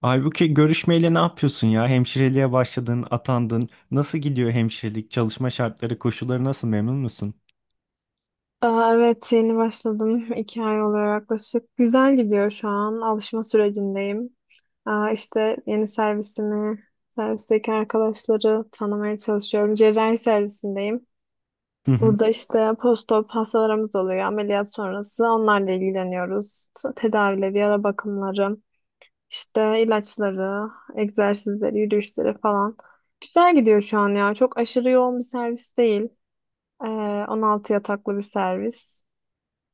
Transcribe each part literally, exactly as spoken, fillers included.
Halbuki görüşmeyle ne yapıyorsun ya? Hemşireliğe başladın, atandın. Nasıl gidiyor hemşirelik? Çalışma şartları, koşulları nasıl? Memnun musun? Aa, evet yeni başladım. iki ay oluyor yaklaşık. Güzel gidiyor şu an. Alışma sürecindeyim. Aa, işte yeni servisimi, servisteki arkadaşları tanımaya çalışıyorum. Cerrahi servisindeyim. Hı hı. Burada işte postop hastalarımız oluyor. Ameliyat sonrası onlarla ilgileniyoruz. Tedavileri, yara bakımları, işte ilaçları, egzersizleri, yürüyüşleri falan. Güzel gidiyor şu an ya. Çok aşırı yoğun bir servis değil. Ee, on altı yataklı bir servis.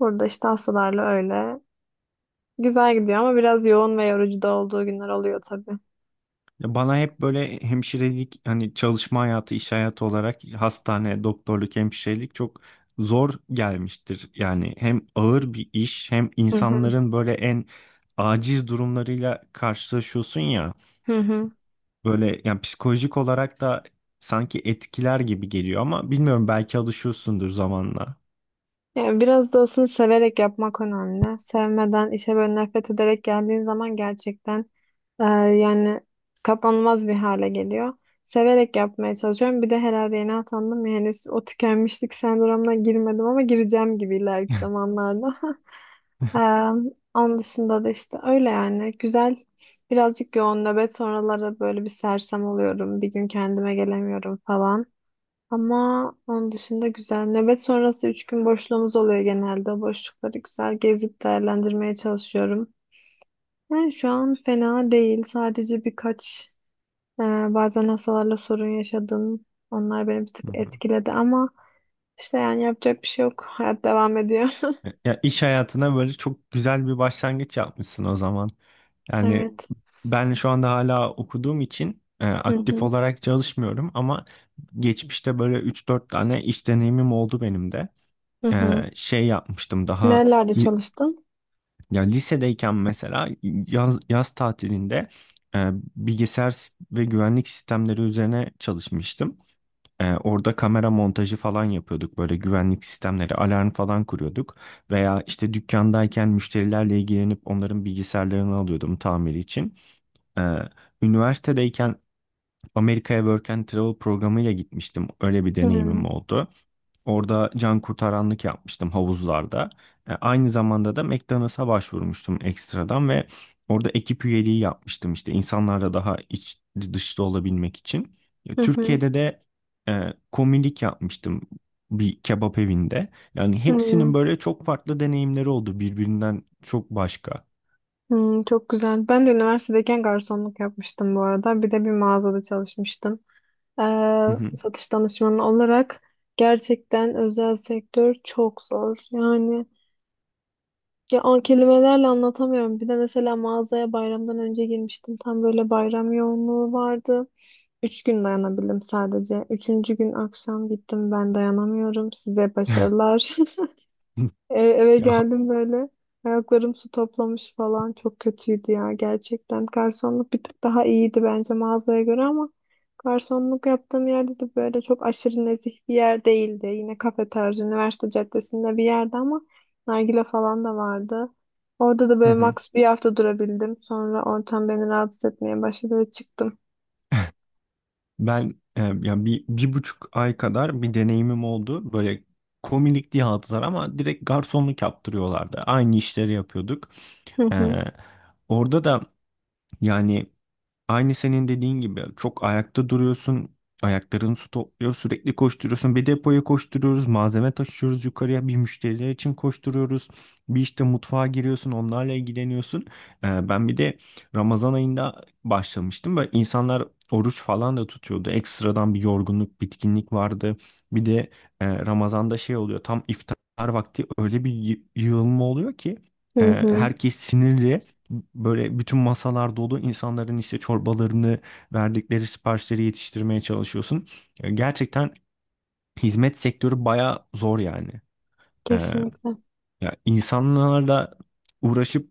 Burada işte hastalarla öyle. Güzel gidiyor ama biraz yoğun ve yorucu da olduğu günler oluyor tabii. Ya Bana hep böyle hemşirelik, hani çalışma hayatı, iş hayatı olarak hastane, doktorluk, hemşirelik çok zor gelmiştir. Yani hem ağır bir iş, hem Hı hı. insanların böyle en aciz durumlarıyla karşılaşıyorsun ya. Hı hı. Böyle yani psikolojik olarak da sanki etkiler gibi geliyor ama bilmiyorum belki alışıyorsundur zamanla. Yani biraz da aslında severek yapmak önemli. Sevmeden, işe böyle nefret ederek geldiğin zaman gerçekten e, yani katlanılmaz bir hale geliyor. Severek yapmaya çalışıyorum. Bir de herhalde yeni atandım ya, henüz o tükenmişlik sendromuna girmedim ama gireceğim gibi ileriki zamanlarda. Ee, onun dışında da işte öyle, yani güzel. Birazcık yoğun nöbet sonraları böyle bir sersem oluyorum, bir gün kendime gelemiyorum falan ama onun dışında güzel. Nöbet sonrası üç gün boşluğumuz oluyor genelde. O boşlukları güzel gezip değerlendirmeye çalışıyorum. Yani şu an fena değil, sadece birkaç e, bazen hastalarla sorun yaşadım, onlar beni bir tık Hı hı. etkiledi ama işte, yani yapacak bir şey yok, hayat devam ediyor. Ya iş hayatına böyle çok güzel bir başlangıç yapmışsın o zaman. Yani Evet. ben şu anda hala okuduğum için e, Hı aktif hı olarak çalışmıyorum ama geçmişte böyle üç dört tane iş deneyimim oldu benim de. hı hı. E, şey yapmıştım daha Nerelerde li- çalıştın? ya lisedeyken mesela yaz, yaz tatilinde, e, bilgisayar s- ve güvenlik sistemleri üzerine çalışmıştım. Ee, orada kamera montajı falan yapıyorduk. Böyle güvenlik sistemleri, alarm falan kuruyorduk. Veya işte dükkandayken müşterilerle ilgilenip onların bilgisayarlarını alıyordum tamiri için. Ee, Üniversitedeyken Amerika'ya Work and Travel programıyla gitmiştim. Öyle bir Hmm. deneyimim oldu. Orada can kurtaranlık yapmıştım havuzlarda. E, aynı zamanda da McDonald's'a başvurmuştum ekstradan ve orada ekip üyeliği yapmıştım işte insanlarla daha iç dışta olabilmek için. E, Hı hı. Türkiye'de de e, komilik yapmıştım bir kebap evinde. Yani Hmm, hepsinin böyle çok farklı deneyimleri oldu birbirinden çok başka. hmm, çok güzel. Ben de üniversitedeyken garsonluk yapmıştım bu arada. Bir de bir mağazada çalışmıştım. Ee, Hı hı. satış danışmanı olarak gerçekten özel sektör çok zor. Yani ya an kelimelerle anlatamıyorum. Bir de mesela mağazaya bayramdan önce girmiştim. Tam böyle bayram yoğunluğu vardı. Üç gün dayanabildim sadece. Üçüncü gün akşam gittim. Ben dayanamıyorum. Size başarılar. E, eve Ya, geldim böyle. Ayaklarım su toplamış falan. Çok kötüydü ya gerçekten. Garsonluk bir tık daha iyiydi bence mağazaya göre ama garsonluk yaptığım yerde de böyle çok aşırı nezih bir yer değildi. Yine kafe tarzı, üniversite caddesinde bir yerde ama nargile falan da vardı. Orada da hı böyle hı. max bir hafta durabildim. Sonra ortam beni rahatsız etmeye başladı ve çıktım. Ben e, yani bir, bir buçuk ay kadar bir deneyimim oldu. Böyle komilik diye aldılar ama direkt garsonluk yaptırıyorlardı. Aynı işleri yapıyorduk. Hı E, hı. Orada da, yani aynı senin dediğin gibi, çok ayakta duruyorsun. Ayakların su topluyor. Sürekli koşturuyorsun. Bir depoya koşturuyoruz. Malzeme taşıyoruz yukarıya. Bir müşteriler için koşturuyoruz. Bir işte mutfağa giriyorsun. Onlarla ilgileniyorsun. Ee, ben bir de Ramazan ayında başlamıştım. Böyle insanlar oruç falan da tutuyordu. Ekstradan bir yorgunluk, bitkinlik vardı. Bir de e, Ramazan'da şey oluyor. Tam iftar vakti öyle bir yı- yığılma oluyor ki e, Hı hı. herkes sinirli. Böyle bütün masalar dolu, insanların işte çorbalarını, verdikleri siparişleri yetiştirmeye çalışıyorsun. E, Gerçekten hizmet sektörü baya zor yani. Kesinlikle. Ya insanlarla uğraşıp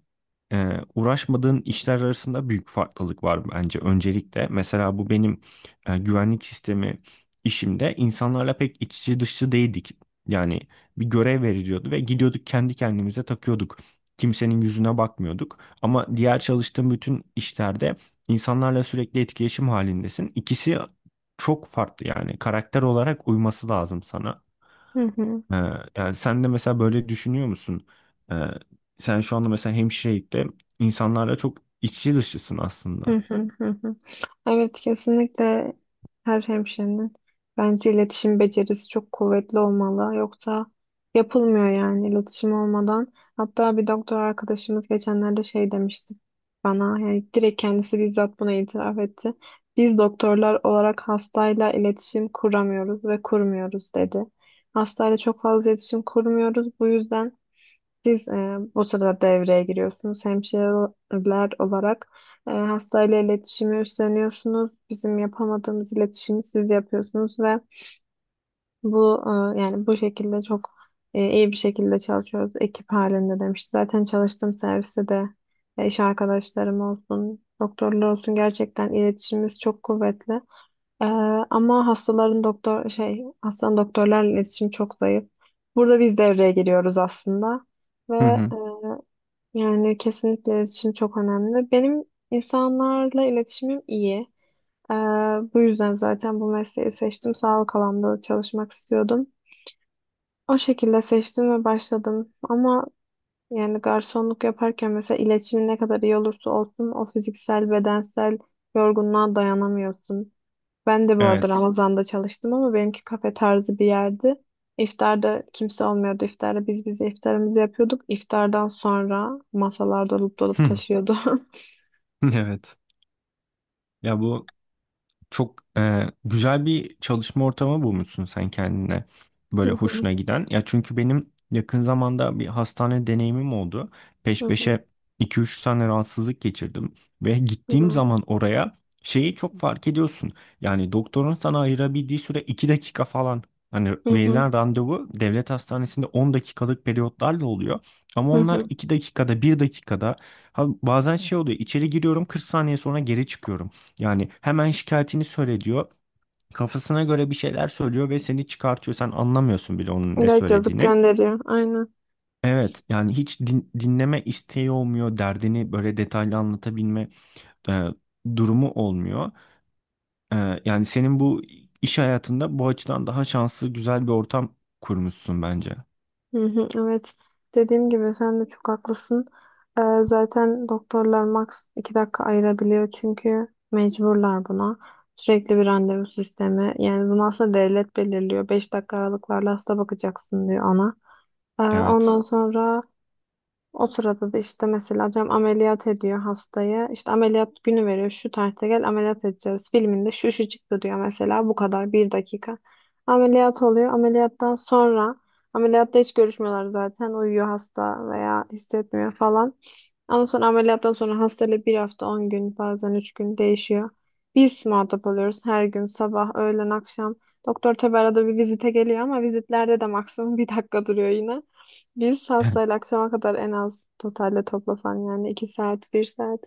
e, uğraşmadığın işler arasında büyük farklılık var bence öncelikle. Mesela bu benim e, güvenlik sistemi işimde insanlarla pek iç içe dışçı değildik. Yani bir görev veriliyordu ve gidiyorduk kendi kendimize takıyorduk. Kimsenin yüzüne bakmıyorduk. Ama diğer çalıştığım bütün işlerde insanlarla sürekli etkileşim halindesin. İkisi çok farklı, yani karakter olarak uyması lazım sana. Hı hı. Ee, Yani sen de mesela böyle düşünüyor musun? Ee, Sen şu anda mesela hemşirelikte insanlarla çok içi dışısın Hı aslında. hı hı hı. Evet, kesinlikle her hemşirenin bence iletişim becerisi çok kuvvetli olmalı. Yoksa yapılmıyor yani iletişim olmadan. Hatta bir doktor arkadaşımız geçenlerde şey demişti bana, yani direkt kendisi bizzat bunu itiraf etti. Biz doktorlar olarak hastayla iletişim kuramıyoruz ve kurmuyoruz, dedi. Hastayla çok fazla iletişim kurmuyoruz. Bu yüzden siz e, o sırada devreye giriyorsunuz. Hemşireler olarak e, hastayla iletişimi üstleniyorsunuz. Bizim yapamadığımız iletişimi siz yapıyorsunuz ve bu e, yani bu şekilde çok e, iyi bir şekilde çalışıyoruz. Ekip halinde, demişti. Zaten çalıştığım serviste de e, iş arkadaşlarım olsun, doktorlar olsun gerçekten iletişimimiz çok kuvvetli. E, ama hastaların doktor şey hastanın doktorlarla iletişimi çok zayıf. Burada biz devreye giriyoruz aslında. Hı Ve hı. yani kesinlikle iletişim çok önemli. Benim insanlarla iletişimim iyi. Ee, bu yüzden zaten bu mesleği seçtim. Sağlık alanında çalışmak istiyordum. O şekilde seçtim ve başladım. Ama yani garsonluk yaparken mesela iletişimin ne kadar iyi olursa olsun, o fiziksel, bedensel yorgunluğa dayanamıyorsun. Ben de bu arada Evet. Ramazan'da çalıştım ama benimki kafe tarzı bir yerdi. İftarda kimse olmuyordu. İftarda biz bize iftarımızı yapıyorduk. İftardan sonra masalar dolup dolup taşıyordu. Evet. Ya bu Çok e, güzel bir çalışma ortamı bulmuşsun sen kendine. Hı Böyle hı, hoşuna giden. Ya çünkü benim yakın zamanda bir hastane deneyimim oldu. hı Peş hı, peşe iki üç tane rahatsızlık geçirdim. Ve hı gittiğim hı, zaman oraya, şeyi çok fark ediyorsun. Yani doktorun sana ayırabildiği süre iki dakika falan. Hani hı hı, verilen randevu devlet hastanesinde on dakikalık periyotlarla oluyor. Ama hı onlar hı. iki dakikada, bir dakikada. Ha, bazen şey oluyor. İçeri giriyorum, kırk saniye sonra geri çıkıyorum. Yani hemen şikayetini söyle diyor. Kafasına göre bir şeyler söylüyor ve seni çıkartıyor. Sen anlamıyorsun bile onun ne İlaç yazıp söylediğini. gönderiyor. Aynen. Evet, yani hiç din- dinleme isteği olmuyor. Derdini böyle detaylı anlatabilme e, durumu olmuyor. E, yani senin bu iş hayatında bu açıdan daha şanslı, güzel bir ortam kurmuşsun bence. Hı hı. Evet, dediğim gibi sen de çok haklısın. Ee, zaten doktorlar max iki dakika ayırabiliyor çünkü mecburlar buna. Sürekli bir randevu sistemi. Yani bunu aslında devlet belirliyor. Beş dakika aralıklarla hasta bakacaksın diyor ona. Ee, Evet. ondan sonra o sırada da işte mesela diyorum, ameliyat ediyor hastayı. İşte ameliyat günü veriyor. Şu tarihte gel, ameliyat edeceğiz. Filminde şu şu çıktı diyor mesela. Bu kadar, bir dakika. Ameliyat oluyor. Ameliyattan sonra ameliyatta hiç görüşmüyorlar zaten. Uyuyor hasta veya hissetmiyor falan. Ondan sonra, ameliyattan sonra hastayla bir hafta, on gün, bazen üç gün değişiyor. Biz muhatap oluyoruz her gün sabah öğlen akşam. Doktor tabi arada bir vizite geliyor ama vizitlerde de maksimum bir dakika duruyor yine. Bir saatle akşama kadar en az totalde toplasan yani iki saat, bir saat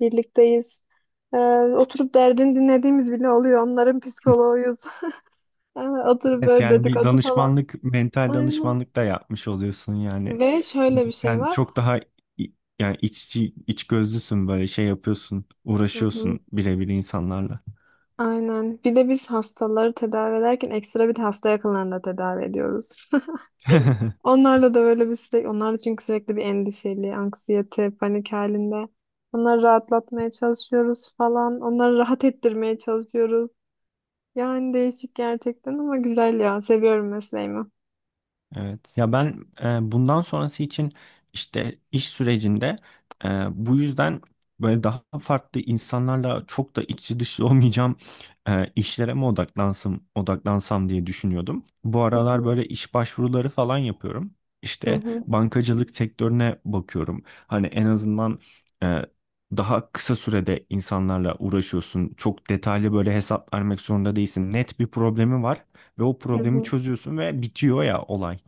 birlikteyiz. Ee, oturup derdini dinlediğimiz bile oluyor. Onların psikoloğuyuz. Ee, Oturup Evet, böyle yani bir dedikodu falan. danışmanlık, mental Aynen. danışmanlık da yapmış oluyorsun yani. Ve şöyle Çünkü bir şey sen var. çok daha i- yani iççi, iç gözlüsün, böyle şey yapıyorsun, Hı hı. uğraşıyorsun birebir insanlarla. Aynen. Bir de biz hastaları tedavi ederken ekstra bir de hasta yakınlarını da tedavi ediyoruz. Onlarla da böyle bir sürekli, onlar da çünkü sürekli bir endişeli, anksiyete, panik halinde. Onları rahatlatmaya çalışıyoruz falan. Onları rahat ettirmeye çalışıyoruz. Yani değişik gerçekten ama güzel ya. Seviyorum mesleğimi. Evet. Ya ben e, bundan sonrası için işte, iş sürecinde, e, bu yüzden böyle daha farklı, insanlarla çok da içi dışı olmayacağım e, işlere mi odaklansam odaklansam diye düşünüyordum. Bu Hı aralar hı, böyle iş başvuruları falan yapıyorum. hı İşte hı, bankacılık sektörüne bakıyorum. Hani en azından e, daha kısa sürede insanlarla uğraşıyorsun. Çok detaylı böyle hesap vermek zorunda değilsin. Net bir problemi var ve o hı problemi hı, çözüyorsun ve bitiyor ya olay.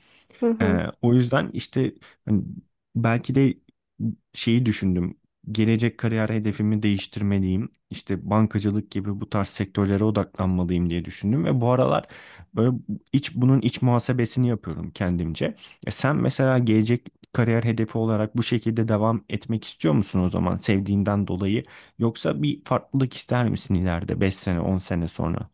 hı hı. Ee, o yüzden işte, hani, belki de şeyi düşündüm. Gelecek kariyer hedefimi değiştirmeliyim. İşte bankacılık gibi bu tarz sektörlere odaklanmalıyım diye düşündüm ve bu aralar böyle iç bunun iç muhasebesini yapıyorum kendimce. E sen mesela gelecek kariyer hedefi olarak bu şekilde devam etmek istiyor musun o zaman, sevdiğinden dolayı? Yoksa bir farklılık ister misin ileride, beş sene on sene sonra?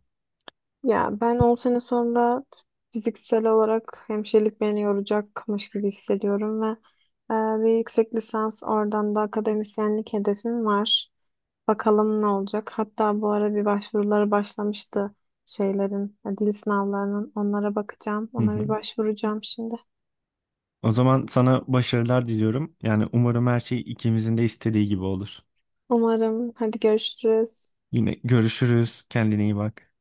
Ya ben on sene sonra fiziksel olarak hemşirelik beni yoracakmış gibi hissediyorum ve e, bir yüksek lisans, oradan da akademisyenlik hedefim var. Bakalım ne olacak. Hatta bu ara bir başvuruları başlamıştı şeylerin, e, dil sınavlarının. Onlara bakacağım. Hı Ona hı. bir başvuracağım şimdi. O zaman sana başarılar diliyorum. Yani umarım her şey ikimizin de istediği gibi olur. Umarım. Hadi görüşürüz. Yine görüşürüz. Kendine iyi bak.